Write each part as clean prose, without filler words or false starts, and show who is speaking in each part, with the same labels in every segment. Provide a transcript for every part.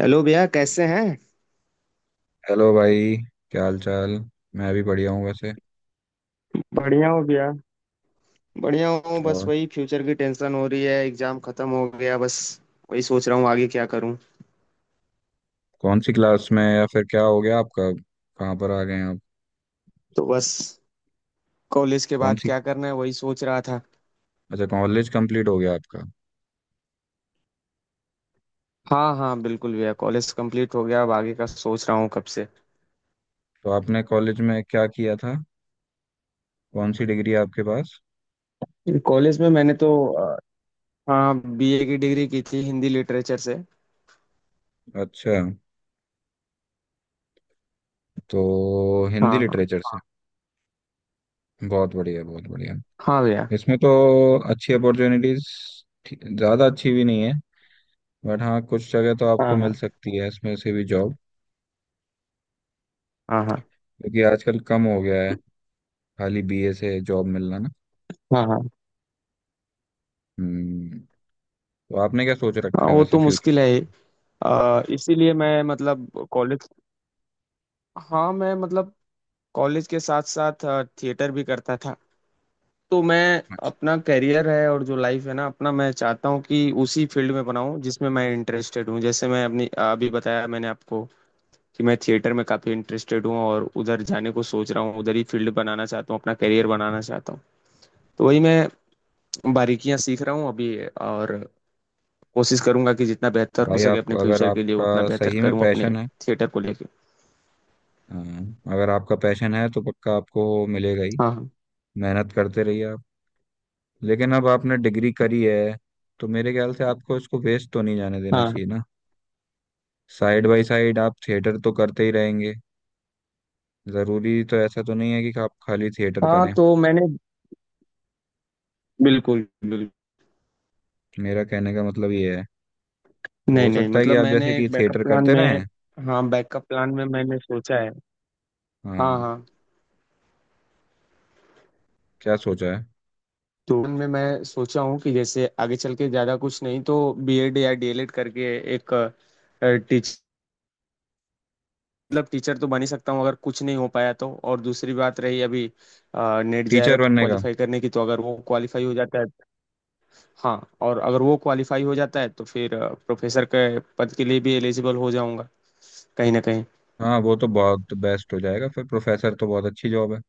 Speaker 1: Hello भैया, कैसे हैं?
Speaker 2: हेलो भाई। क्या हाल चाल। मैं भी बढ़िया हूँ वैसे।
Speaker 1: बढ़िया हो गया। बढ़िया हूँ, बस
Speaker 2: और
Speaker 1: वही फ्यूचर की टेंशन हो रही है। एग्जाम खत्म हो गया बस। वही सोच रहा हूँ आगे क्या करूँ।
Speaker 2: कौन सी क्लास में या फिर क्या हो गया आपका, कहाँ पर आ गए आप?
Speaker 1: तो बस, कॉलेज के
Speaker 2: कौन
Speaker 1: बाद
Speaker 2: सी?
Speaker 1: क्या करना है वही सोच रहा था।
Speaker 2: अच्छा, कॉलेज कंप्लीट हो गया आपका?
Speaker 1: हाँ हाँ, बिल्कुल भैया, कॉलेज कंप्लीट हो गया। अब आगे का सोच रहा हूँ कब से।
Speaker 2: तो आपने कॉलेज में क्या किया था? कौन सी डिग्री है आपके पास?
Speaker 1: कॉलेज में मैंने तो हाँ, बीए की डिग्री की थी हिंदी लिटरेचर से।
Speaker 2: अच्छा, तो हिंदी
Speaker 1: हाँ हाँ
Speaker 2: लिटरेचर से। बहुत बढ़िया, बहुत बढ़िया।
Speaker 1: हाँ भैया।
Speaker 2: इसमें तो अच्छी अपॉर्चुनिटीज ज़्यादा अच्छी भी नहीं है, बट हाँ, कुछ जगह तो आपको
Speaker 1: हाँ
Speaker 2: मिल
Speaker 1: हाँ।
Speaker 2: सकती है इसमें से भी जॉब।
Speaker 1: हाँ हाँ।
Speaker 2: क्योंकि आजकल कम हो गया है खाली बीए से जॉब मिलना ना।
Speaker 1: हाँ हाँ।
Speaker 2: हम्म। तो आपने क्या सोच
Speaker 1: हाँ,
Speaker 2: रखा है
Speaker 1: वो
Speaker 2: वैसे
Speaker 1: तो
Speaker 2: फ्यूचर?
Speaker 1: मुश्किल है ही। इसीलिए मैं मतलब कॉलेज। हाँ, मैं मतलब, कॉलेज के साथ साथ थिएटर भी करता था। तो मैं,
Speaker 2: अच्छा।
Speaker 1: अपना करियर है और जो लाइफ है ना अपना, मैं चाहता हूँ कि उसी फील्ड में बनाऊँ जिसमें मैं इंटरेस्टेड हूँ। जैसे मैं अपनी अभी बताया मैंने आपको कि मैं थिएटर में काफ़ी इंटरेस्टेड हूँ, और उधर जाने को सोच रहा हूँ। उधर ही फील्ड बनाना चाहता हूँ, अपना करियर बनाना चाहता हूँ। तो वही मैं बारीकियां सीख रहा हूँ अभी, और कोशिश करूंगा कि जितना बेहतर हो
Speaker 2: भाई
Speaker 1: सके
Speaker 2: आप,
Speaker 1: अपने
Speaker 2: अगर
Speaker 1: फ्यूचर के लिए, उतना
Speaker 2: आपका
Speaker 1: बेहतर
Speaker 2: सही में
Speaker 1: करूँ अपने।
Speaker 2: पैशन है,
Speaker 1: थिएटर को लेके।
Speaker 2: अ, अगर आपका पैशन है तो पक्का आपको मिलेगा ही।
Speaker 1: हाँ हाँ।
Speaker 2: मेहनत करते रहिए आप। लेकिन अब आपने डिग्री करी है तो मेरे ख्याल से आपको इसको वेस्ट तो नहीं जाने देना
Speaker 1: हाँ
Speaker 2: चाहिए ना। साइड बाय साइड आप थिएटर तो करते ही रहेंगे। ज़रूरी तो ऐसा तो नहीं है कि आप खाली थिएटर
Speaker 1: हाँ।
Speaker 2: करें।
Speaker 1: तो मैंने, बिल्कुल बिल्कुल।
Speaker 2: मेरा कहने का मतलब ये है तो
Speaker 1: नहीं
Speaker 2: हो
Speaker 1: नहीं,
Speaker 2: सकता है कि
Speaker 1: मतलब
Speaker 2: आप जैसे
Speaker 1: मैंने
Speaker 2: कि
Speaker 1: एक बैकअप
Speaker 2: थिएटर
Speaker 1: प्लान
Speaker 2: करते
Speaker 1: में।
Speaker 2: रहें।
Speaker 1: हाँ, बैकअप प्लान में मैंने सोचा है। हाँ
Speaker 2: हाँ।
Speaker 1: हाँ।
Speaker 2: क्या सोचा है?
Speaker 1: तो उनमें मैं सोचा हूँ कि जैसे आगे चल के ज़्यादा कुछ नहीं तो बीएड या डीएलएड करके, एक टीचर, मतलब टीचर तो बन ही सकता हूँ अगर कुछ नहीं हो पाया तो। और दूसरी बात रही अभी, नेट
Speaker 2: टीचर
Speaker 1: जेआरएफ
Speaker 2: बनने का?
Speaker 1: क्वालिफाई करने की, तो अगर वो क्वालिफाई हो जाता है। हाँ। और अगर वो क्वालिफाई हो जाता है तो फिर प्रोफेसर के पद के लिए भी एलिजिबल हो जाऊंगा, कहीं ना कहीं।
Speaker 2: हाँ वो तो बहुत बेस्ट हो जाएगा, फिर प्रोफेसर तो बहुत अच्छी जॉब है।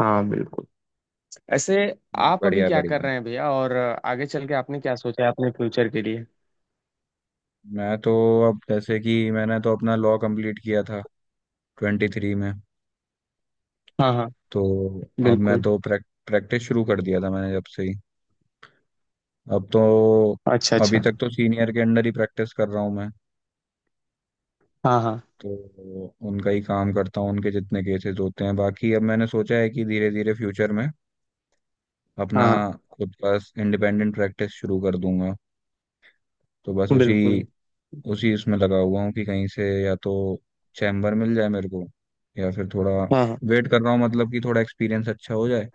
Speaker 1: हाँ बिल्कुल। ऐसे।
Speaker 2: नहीं,
Speaker 1: आप अभी
Speaker 2: बढ़िया
Speaker 1: क्या कर
Speaker 2: बढ़िया।
Speaker 1: रहे हैं भैया? और आगे चल के आपने क्या सोचा है अपने फ्यूचर के लिए?
Speaker 2: मैं तो, अब जैसे कि मैंने तो अपना लॉ कंप्लीट किया था 23 में।
Speaker 1: हाँ हाँ।
Speaker 2: तो अब मैं
Speaker 1: बिल्कुल।
Speaker 2: तो प्रैक्टिस शुरू कर दिया था मैंने जब से ही। अब तो,
Speaker 1: अच्छा
Speaker 2: अभी
Speaker 1: अच्छा।
Speaker 2: तक तो सीनियर के अंडर ही प्रैक्टिस कर रहा हूँ मैं।
Speaker 1: हाँ हाँ।
Speaker 2: तो उनका ही काम करता हूँ, उनके जितने केसेस होते हैं। बाकी अब मैंने सोचा है कि धीरे धीरे फ्यूचर में अपना
Speaker 1: हाँ हाँ।
Speaker 2: खुद का इंडिपेंडेंट प्रैक्टिस शुरू कर दूंगा। तो बस उसी
Speaker 1: बिल्कुल।
Speaker 2: उसी इसमें लगा हुआ हूँ कि कहीं से या तो चैम्बर मिल जाए मेरे को, या फिर थोड़ा
Speaker 1: हाँ हाँ।
Speaker 2: वेट कर रहा हूँ, मतलब कि थोड़ा एक्सपीरियंस अच्छा हो जाए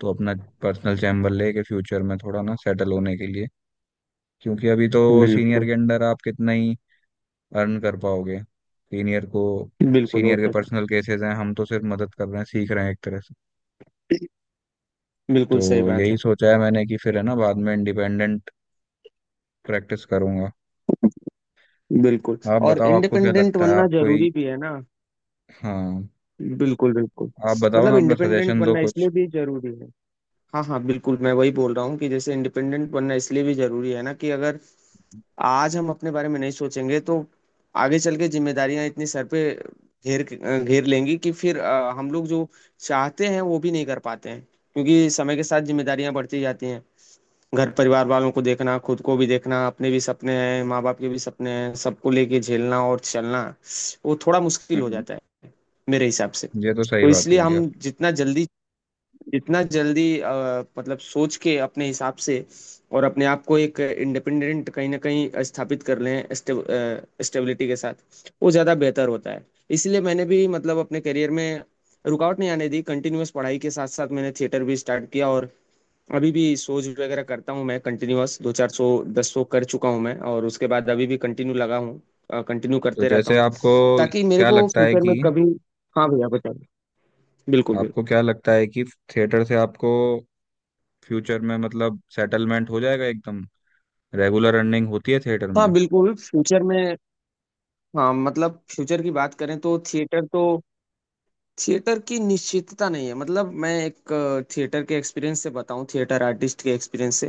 Speaker 2: तो अपना पर्सनल चैम्बर लेके फ्यूचर में थोड़ा ना सेटल होने के लिए। क्योंकि अभी तो सीनियर
Speaker 1: बिल्कुल
Speaker 2: के अंडर आप कितना ही अर्न कर पाओगे? सीनियर को,
Speaker 1: बिल्कुल, वो
Speaker 2: सीनियर के
Speaker 1: तो है।
Speaker 2: पर्सनल केसेस हैं, हम तो सिर्फ मदद कर रहे हैं, सीख रहे हैं एक तरह से। तो
Speaker 1: बिल्कुल सही बात
Speaker 2: यही
Speaker 1: है।
Speaker 2: सोचा है मैंने कि फिर है ना बाद में इंडिपेंडेंट प्रैक्टिस करूंगा।
Speaker 1: बिल्कुल।
Speaker 2: आप
Speaker 1: और
Speaker 2: बताओ आपको क्या
Speaker 1: इंडिपेंडेंट
Speaker 2: लगता है?
Speaker 1: बनना
Speaker 2: आप कोई,
Speaker 1: जरूरी भी है ना।
Speaker 2: हाँ,
Speaker 1: बिल्कुल बिल्कुल।
Speaker 2: आप बताओ ना,
Speaker 1: मतलब
Speaker 2: अपना
Speaker 1: इंडिपेंडेंट
Speaker 2: सजेशन दो
Speaker 1: बनना
Speaker 2: कुछ।
Speaker 1: इसलिए भी जरूरी है। हाँ हाँ, बिल्कुल, मैं वही बोल रहा हूँ कि जैसे इंडिपेंडेंट बनना इसलिए भी जरूरी है ना, कि अगर आज हम अपने बारे में नहीं सोचेंगे तो आगे चल के जिम्मेदारियां इतनी सर पे घेर घेर लेंगी, कि फिर हम लोग जो चाहते हैं वो भी नहीं कर पाते हैं। क्योंकि समय के साथ जिम्मेदारियां बढ़ती जाती हैं। घर परिवार वालों को देखना, खुद को भी देखना, अपने भी सपने हैं, माँ बाप के भी सपने हैं, सबको लेके झेलना और चलना, वो थोड़ा मुश्किल हो
Speaker 2: हम्म,
Speaker 1: जाता है, मेरे हिसाब से।
Speaker 2: ये तो सही
Speaker 1: तो
Speaker 2: बात
Speaker 1: इसलिए
Speaker 2: बोली
Speaker 1: हम
Speaker 2: आप।
Speaker 1: जितना जल्दी, जितना जल्दी मतलब सोच के अपने हिसाब से, और अपने आप को एक इंडिपेंडेंट कहीं ना कहीं स्थापित कर लें स्टेबिलिटी के साथ, वो ज़्यादा बेहतर होता है। इसलिए मैंने भी, मतलब अपने करियर में रुकावट नहीं आने दी। कंटिन्यूअस पढ़ाई के साथ साथ मैंने थिएटर भी स्टार्ट किया, और अभी भी सोच वगैरह करता हूँ मैं कंटिन्यूअस दो 400 1,000 कर चुका हूँ मैं, और उसके बाद अभी भी कंटिन्यू लगा हूँ, कंटिन्यू
Speaker 2: तो
Speaker 1: करते रहता
Speaker 2: जैसे
Speaker 1: हूँ,
Speaker 2: आपको
Speaker 1: ताकि मेरे
Speaker 2: क्या
Speaker 1: को
Speaker 2: लगता है
Speaker 1: फ्यूचर में
Speaker 2: कि,
Speaker 1: कभी। हाँ भैया, बताइए। बिल्कुल
Speaker 2: आपको
Speaker 1: बिल्कुल।
Speaker 2: क्या लगता है कि थिएटर से आपको फ्यूचर में मतलब सेटलमेंट हो जाएगा एकदम? रेगुलर अर्निंग होती है थिएटर में?
Speaker 1: हाँ बिल्कुल, फ्यूचर में। हाँ मतलब, फ्यूचर की बात करें तो थिएटर तो, थिएटर की निश्चितता नहीं है, मतलब मैं एक, थिएटर के एक्सपीरियंस से बताऊं, थिएटर आर्टिस्ट के एक्सपीरियंस से।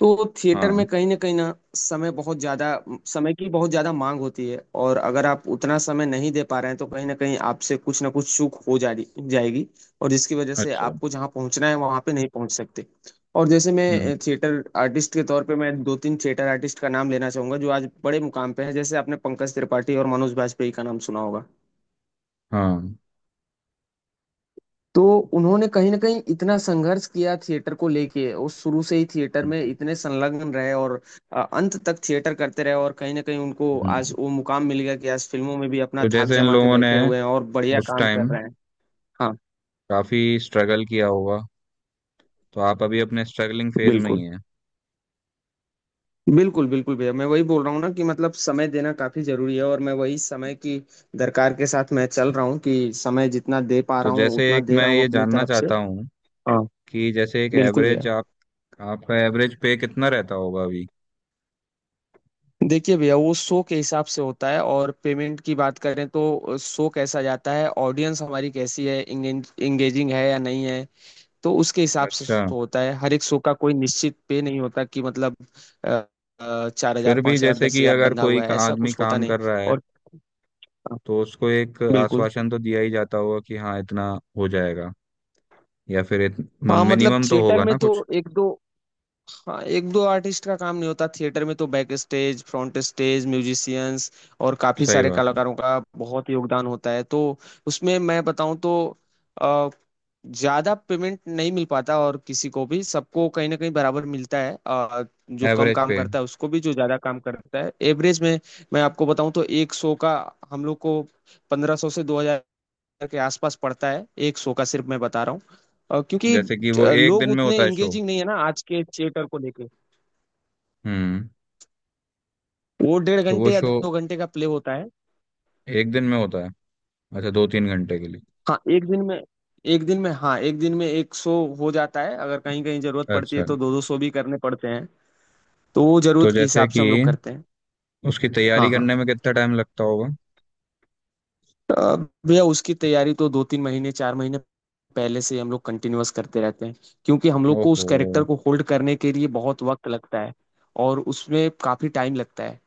Speaker 1: तो थिएटर में
Speaker 2: हाँ।
Speaker 1: कहीं ना कहीं ना, समय बहुत ज्यादा, समय की बहुत ज्यादा मांग होती है। और अगर आप उतना समय नहीं दे पा रहे हैं, तो कहीं ना कहीं आपसे कुछ ना कुछ चूक हो जा रही जाएगी, और जिसकी वजह से
Speaker 2: अच्छा।
Speaker 1: आपको जहाँ पहुंचना है वहां पे नहीं पहुंच सकते। और जैसे
Speaker 2: हम्म।
Speaker 1: मैं, थिएटर आर्टिस्ट के तौर पे, मैं दो तीन थिएटर आर्टिस्ट का नाम लेना चाहूंगा जो आज बड़े मुकाम पे है। जैसे आपने पंकज त्रिपाठी और मनोज बाजपेयी का नाम सुना होगा।
Speaker 2: हाँ।
Speaker 1: तो उन्होंने कहीं ना कहीं इतना संघर्ष किया थिएटर को लेके, वो शुरू से ही थिएटर में
Speaker 2: हम्म।
Speaker 1: इतने संलग्न रहे, और अंत तक थिएटर करते रहे, और कहीं ना कहीं उनको आज
Speaker 2: हम्म।
Speaker 1: वो मुकाम मिल गया कि आज फिल्मों में भी अपना
Speaker 2: तो
Speaker 1: धाक
Speaker 2: जैसे इन
Speaker 1: जमा के
Speaker 2: लोगों ने
Speaker 1: बैठे हुए हैं, और बढ़िया
Speaker 2: उस
Speaker 1: काम कर
Speaker 2: टाइम
Speaker 1: रहे हैं। हाँ
Speaker 2: काफी स्ट्रगल किया होगा। तो आप अभी अपने स्ट्रगलिंग फेज में ही
Speaker 1: बिल्कुल।
Speaker 2: हैं।
Speaker 1: बिल्कुल बिल्कुल भैया, मैं वही बोल रहा हूँ ना, कि मतलब समय देना काफी जरूरी है। और मैं वही समय की दरकार के साथ मैं चल रहा हूँ, कि समय जितना दे पा
Speaker 2: तो
Speaker 1: रहा हूँ
Speaker 2: जैसे
Speaker 1: उतना
Speaker 2: एक
Speaker 1: दे
Speaker 2: मैं
Speaker 1: रहा हूँ
Speaker 2: ये
Speaker 1: अपनी
Speaker 2: जानना
Speaker 1: तरफ से।
Speaker 2: चाहता हूँ
Speaker 1: हाँ।
Speaker 2: कि जैसे एक
Speaker 1: बिल्कुल
Speaker 2: एवरेज
Speaker 1: भैया।
Speaker 2: आप, आपका एवरेज पे कितना रहता होगा अभी?
Speaker 1: देखिए भैया, वो शो के हिसाब से होता है, और पेमेंट की बात करें तो, शो कैसा जाता है, ऑडियंस हमारी कैसी है, इंगेजिंग है या नहीं है, तो उसके हिसाब से
Speaker 2: अच्छा।
Speaker 1: शो होता है। हर एक शो का कोई निश्चित पे नहीं होता कि मतलब, 4,000,
Speaker 2: फिर भी
Speaker 1: 5,000,
Speaker 2: जैसे
Speaker 1: दस
Speaker 2: कि
Speaker 1: हजार
Speaker 2: अगर
Speaker 1: बंधा
Speaker 2: कोई
Speaker 1: हुआ है,
Speaker 2: का
Speaker 1: ऐसा
Speaker 2: आदमी
Speaker 1: कुछ होता
Speaker 2: काम
Speaker 1: नहीं।
Speaker 2: कर रहा है
Speaker 1: और हाँ,
Speaker 2: तो उसको एक
Speaker 1: बिल्कुल।
Speaker 2: आश्वासन तो दिया ही जाता होगा कि हाँ इतना हो जाएगा, या फिर
Speaker 1: हाँ मतलब,
Speaker 2: मिनिमम तो
Speaker 1: थिएटर
Speaker 2: होगा
Speaker 1: में
Speaker 2: ना
Speaker 1: तो
Speaker 2: कुछ।
Speaker 1: एक दो, हाँ, एक दो आर्टिस्ट का काम नहीं होता, थिएटर में तो back stage, front stage, musicians, और काफी
Speaker 2: सही
Speaker 1: सारे
Speaker 2: बात है।
Speaker 1: कलाकारों का बहुत योगदान होता है तो, उसमें मैं बताऊं तो, अ, ज्यादा पेमेंट नहीं मिल पाता, और किसी को भी, सबको कहीं ना कहीं बराबर मिलता है, जो कम
Speaker 2: एवरेज
Speaker 1: काम
Speaker 2: पे
Speaker 1: करता है उसको भी, जो ज्यादा काम करता है, एवरेज में। मैं आपको बताऊं तो एक शो का हम लोग को 1,500 से 2,000 के आसपास पड़ता है, एक शो का, सिर्फ मैं बता रहा हूँ। क्योंकि
Speaker 2: जैसे कि वो एक
Speaker 1: लोग
Speaker 2: दिन में
Speaker 1: उतने
Speaker 2: होता है शो?
Speaker 1: एंगेजिंग नहीं है ना आज के थिएटर को लेके।
Speaker 2: हम्म।
Speaker 1: वो डेढ़
Speaker 2: तो वो
Speaker 1: घंटे या
Speaker 2: शो
Speaker 1: 2 घंटे का प्ले होता है।
Speaker 2: एक दिन में होता है? अच्छा, 2-3 घंटे के लिए?
Speaker 1: हाँ एक दिन में, एक दिन में, हाँ, एक दिन में एक शो हो जाता है। अगर कहीं कहीं जरूरत पड़ती है
Speaker 2: अच्छा,
Speaker 1: तो दो दो शो भी करने पड़ते हैं। तो वो
Speaker 2: तो
Speaker 1: जरूरत के
Speaker 2: जैसे
Speaker 1: हिसाब से
Speaker 2: कि
Speaker 1: हम लोग करते हैं।
Speaker 2: उसकी
Speaker 1: हाँ
Speaker 2: तैयारी
Speaker 1: हाँ।
Speaker 2: करने में कितना टाइम लगता होगा?
Speaker 1: अ, भैया उसकी तैयारी तो 2-3 महीने, 4 महीने पहले से ही हम लोग कंटिन्यूअस करते रहते हैं, क्योंकि हम लोग को उस
Speaker 2: ओहो।
Speaker 1: कैरेक्टर को होल्ड करने के लिए बहुत वक्त लगता है, और उसमें काफी टाइम लगता है।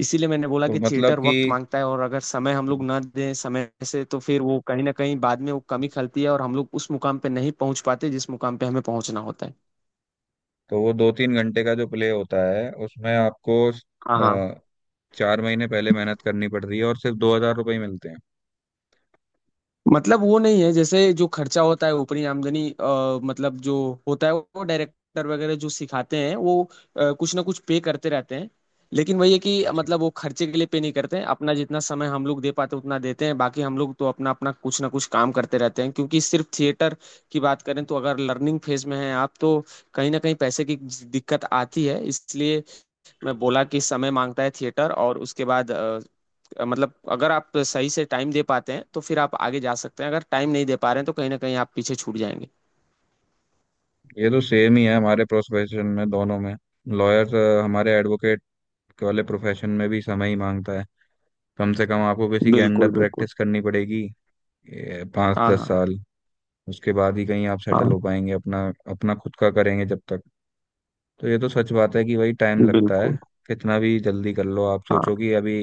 Speaker 1: इसीलिए मैंने बोला
Speaker 2: तो
Speaker 1: कि
Speaker 2: मतलब
Speaker 1: थिएटर वक्त
Speaker 2: कि,
Speaker 1: मांगता है। और अगर समय हम लोग ना दें समय से, तो फिर वो कहीं ना कहीं बाद में वो कमी खलती है, और हम लोग उस मुकाम पे नहीं पहुंच पाते जिस मुकाम पे हमें पहुंचना होता है।
Speaker 2: तो वो 2-3 घंटे का जो प्ले होता है उसमें आपको
Speaker 1: हाँ हाँ।
Speaker 2: 4 महीने पहले मेहनत करनी पड़ रही है, और सिर्फ 2,000 रुपये ही मिलते हैं?
Speaker 1: मतलब वो नहीं है, जैसे जो खर्चा होता है, ऊपरी आमदनी, मतलब जो होता है, वो डायरेक्टर वगैरह जो सिखाते हैं वो कुछ ना कुछ पे करते रहते हैं, लेकिन वही है कि
Speaker 2: अच्छा,
Speaker 1: मतलब वो खर्चे के लिए पे नहीं करते हैं। अपना जितना समय हम लोग दे पाते उतना देते हैं, बाकी हम लोग तो अपना अपना कुछ ना कुछ काम करते रहते हैं, क्योंकि सिर्फ थिएटर की बात करें तो, अगर लर्निंग फेज में हैं आप तो कहीं ना कहीं पैसे की दिक्कत आती है। इसलिए मैं बोला कि समय मांगता है थिएटर, और उसके बाद मतलब अगर आप सही से टाइम दे पाते हैं तो फिर आप आगे जा सकते हैं, अगर टाइम नहीं दे पा रहे हैं तो कहीं ना कहीं आप पीछे छूट जाएंगे।
Speaker 2: ये तो सेम ही है हमारे प्रोफेशन में दोनों में। लॉयर, हमारे एडवोकेट वाले प्रोफेशन में भी समय ही मांगता है। कम से कम आपको किसी के
Speaker 1: बिल्कुल
Speaker 2: अंडर
Speaker 1: बिल्कुल।
Speaker 2: प्रैक्टिस करनी पड़ेगी पाँच
Speaker 1: हाँ
Speaker 2: दस
Speaker 1: हाँ।
Speaker 2: साल उसके बाद ही कहीं आप
Speaker 1: हाँ
Speaker 2: सेटल हो पाएंगे अपना, अपना खुद का करेंगे जब तक। तो ये तो सच बात है कि भाई टाइम लगता है।
Speaker 1: बिल्कुल।
Speaker 2: कितना भी जल्दी कर लो, आप
Speaker 1: हाँ
Speaker 2: सोचो कि अभी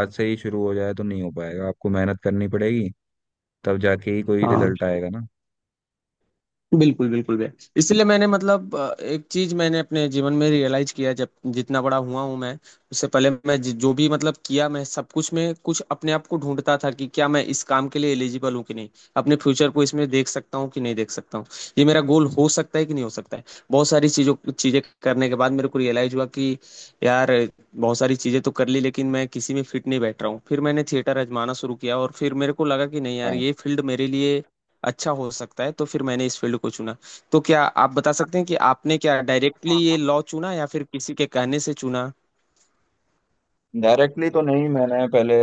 Speaker 2: आज से ही शुरू हो जाए तो नहीं हो पाएगा, आपको मेहनत करनी पड़ेगी। तब जाके ही कोई
Speaker 1: हाँ।
Speaker 2: रिजल्ट आएगा ना।
Speaker 1: बिल्कुल बिल्कुल भैया, इसलिए मैंने मतलब एक चीज मैंने अपने जीवन में रियलाइज किया, जब जितना बड़ा हुआ हूं मैं, उससे पहले मैं जो भी मतलब किया, मैं सब कुछ में कुछ अपने आप को ढूंढता था कि क्या मैं इस काम के लिए एलिजिबल हूँ कि नहीं, अपने फ्यूचर को इसमें देख सकता हूँ कि नहीं देख सकता हूँ, ये मेरा गोल हो सकता है कि नहीं हो सकता है। बहुत सारी चीजों चीजें करने के बाद मेरे को रियलाइज हुआ कि, यार, बहुत सारी चीजें तो कर ली, लेकिन मैं किसी में फिट नहीं बैठ रहा हूँ। फिर मैंने थिएटर आजमाना शुरू किया, और फिर मेरे को लगा कि नहीं यार,
Speaker 2: हाँ।
Speaker 1: ये फील्ड मेरे लिए अच्छा हो सकता है, तो फिर मैंने इस फील्ड को चुना। तो क्या आप बता सकते हैं कि आपने क्या डायरेक्टली ये लॉ चुना, या फिर किसी के कहने से चुना?
Speaker 2: डायरेक्टली तो नहीं, मैंने पहले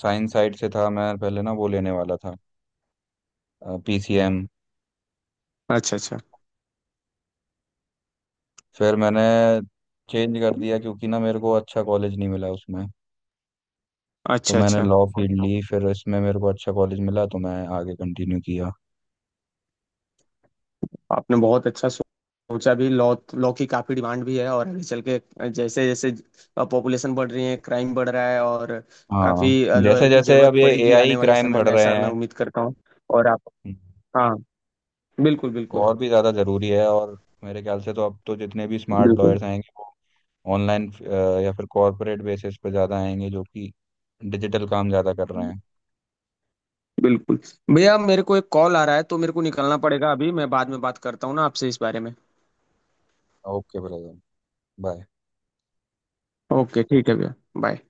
Speaker 2: साइंस साइड से था, मैं पहले ना वो लेने वाला था पीसीएम।
Speaker 1: अच्छा अच्छा।
Speaker 2: फिर मैंने चेंज कर दिया क्योंकि ना मेरे को अच्छा कॉलेज नहीं मिला उसमें। तो
Speaker 1: अच्छा
Speaker 2: मैंने
Speaker 1: अच्छा।
Speaker 2: लॉ फील्ड ली, फिर इसमें मेरे को अच्छा कॉलेज मिला तो मैं आगे कंटिन्यू किया।
Speaker 1: आपने बहुत अच्छा सोचा भी, लॉ लॉ की काफी डिमांड भी है, और आगे चल के, जैसे जैसे पॉपुलेशन बढ़ रही है, क्राइम बढ़ रहा है, और काफी
Speaker 2: हाँ, जैसे
Speaker 1: लॉयर की
Speaker 2: जैसे
Speaker 1: जरूरत
Speaker 2: अब ये
Speaker 1: पड़ेगी
Speaker 2: एआई
Speaker 1: आने वाले
Speaker 2: क्राइम
Speaker 1: समय
Speaker 2: बढ़
Speaker 1: में,
Speaker 2: रहे
Speaker 1: ऐसा मैं
Speaker 2: हैं
Speaker 1: उम्मीद करता हूँ। और आप। हाँ। बिल्कुल
Speaker 2: तो
Speaker 1: बिल्कुल।
Speaker 2: और भी ज़्यादा ज़रूरी है। और मेरे ख्याल से तो अब तो जितने भी स्मार्ट
Speaker 1: बिल्कुल
Speaker 2: लॉयर्स आएंगे वो ऑनलाइन या फिर कॉरपोरेट बेसिस पे ज़्यादा आएंगे, जो कि डिजिटल काम ज़्यादा कर रहे हैं।
Speaker 1: बिल्कुल भैया, मेरे को एक कॉल आ रहा है तो मेरे को निकलना पड़ेगा अभी। मैं बाद में बात करता हूँ ना आपसे इस बारे में।
Speaker 2: Okay brother, bye.
Speaker 1: ओके ठीक है भैया। बाय।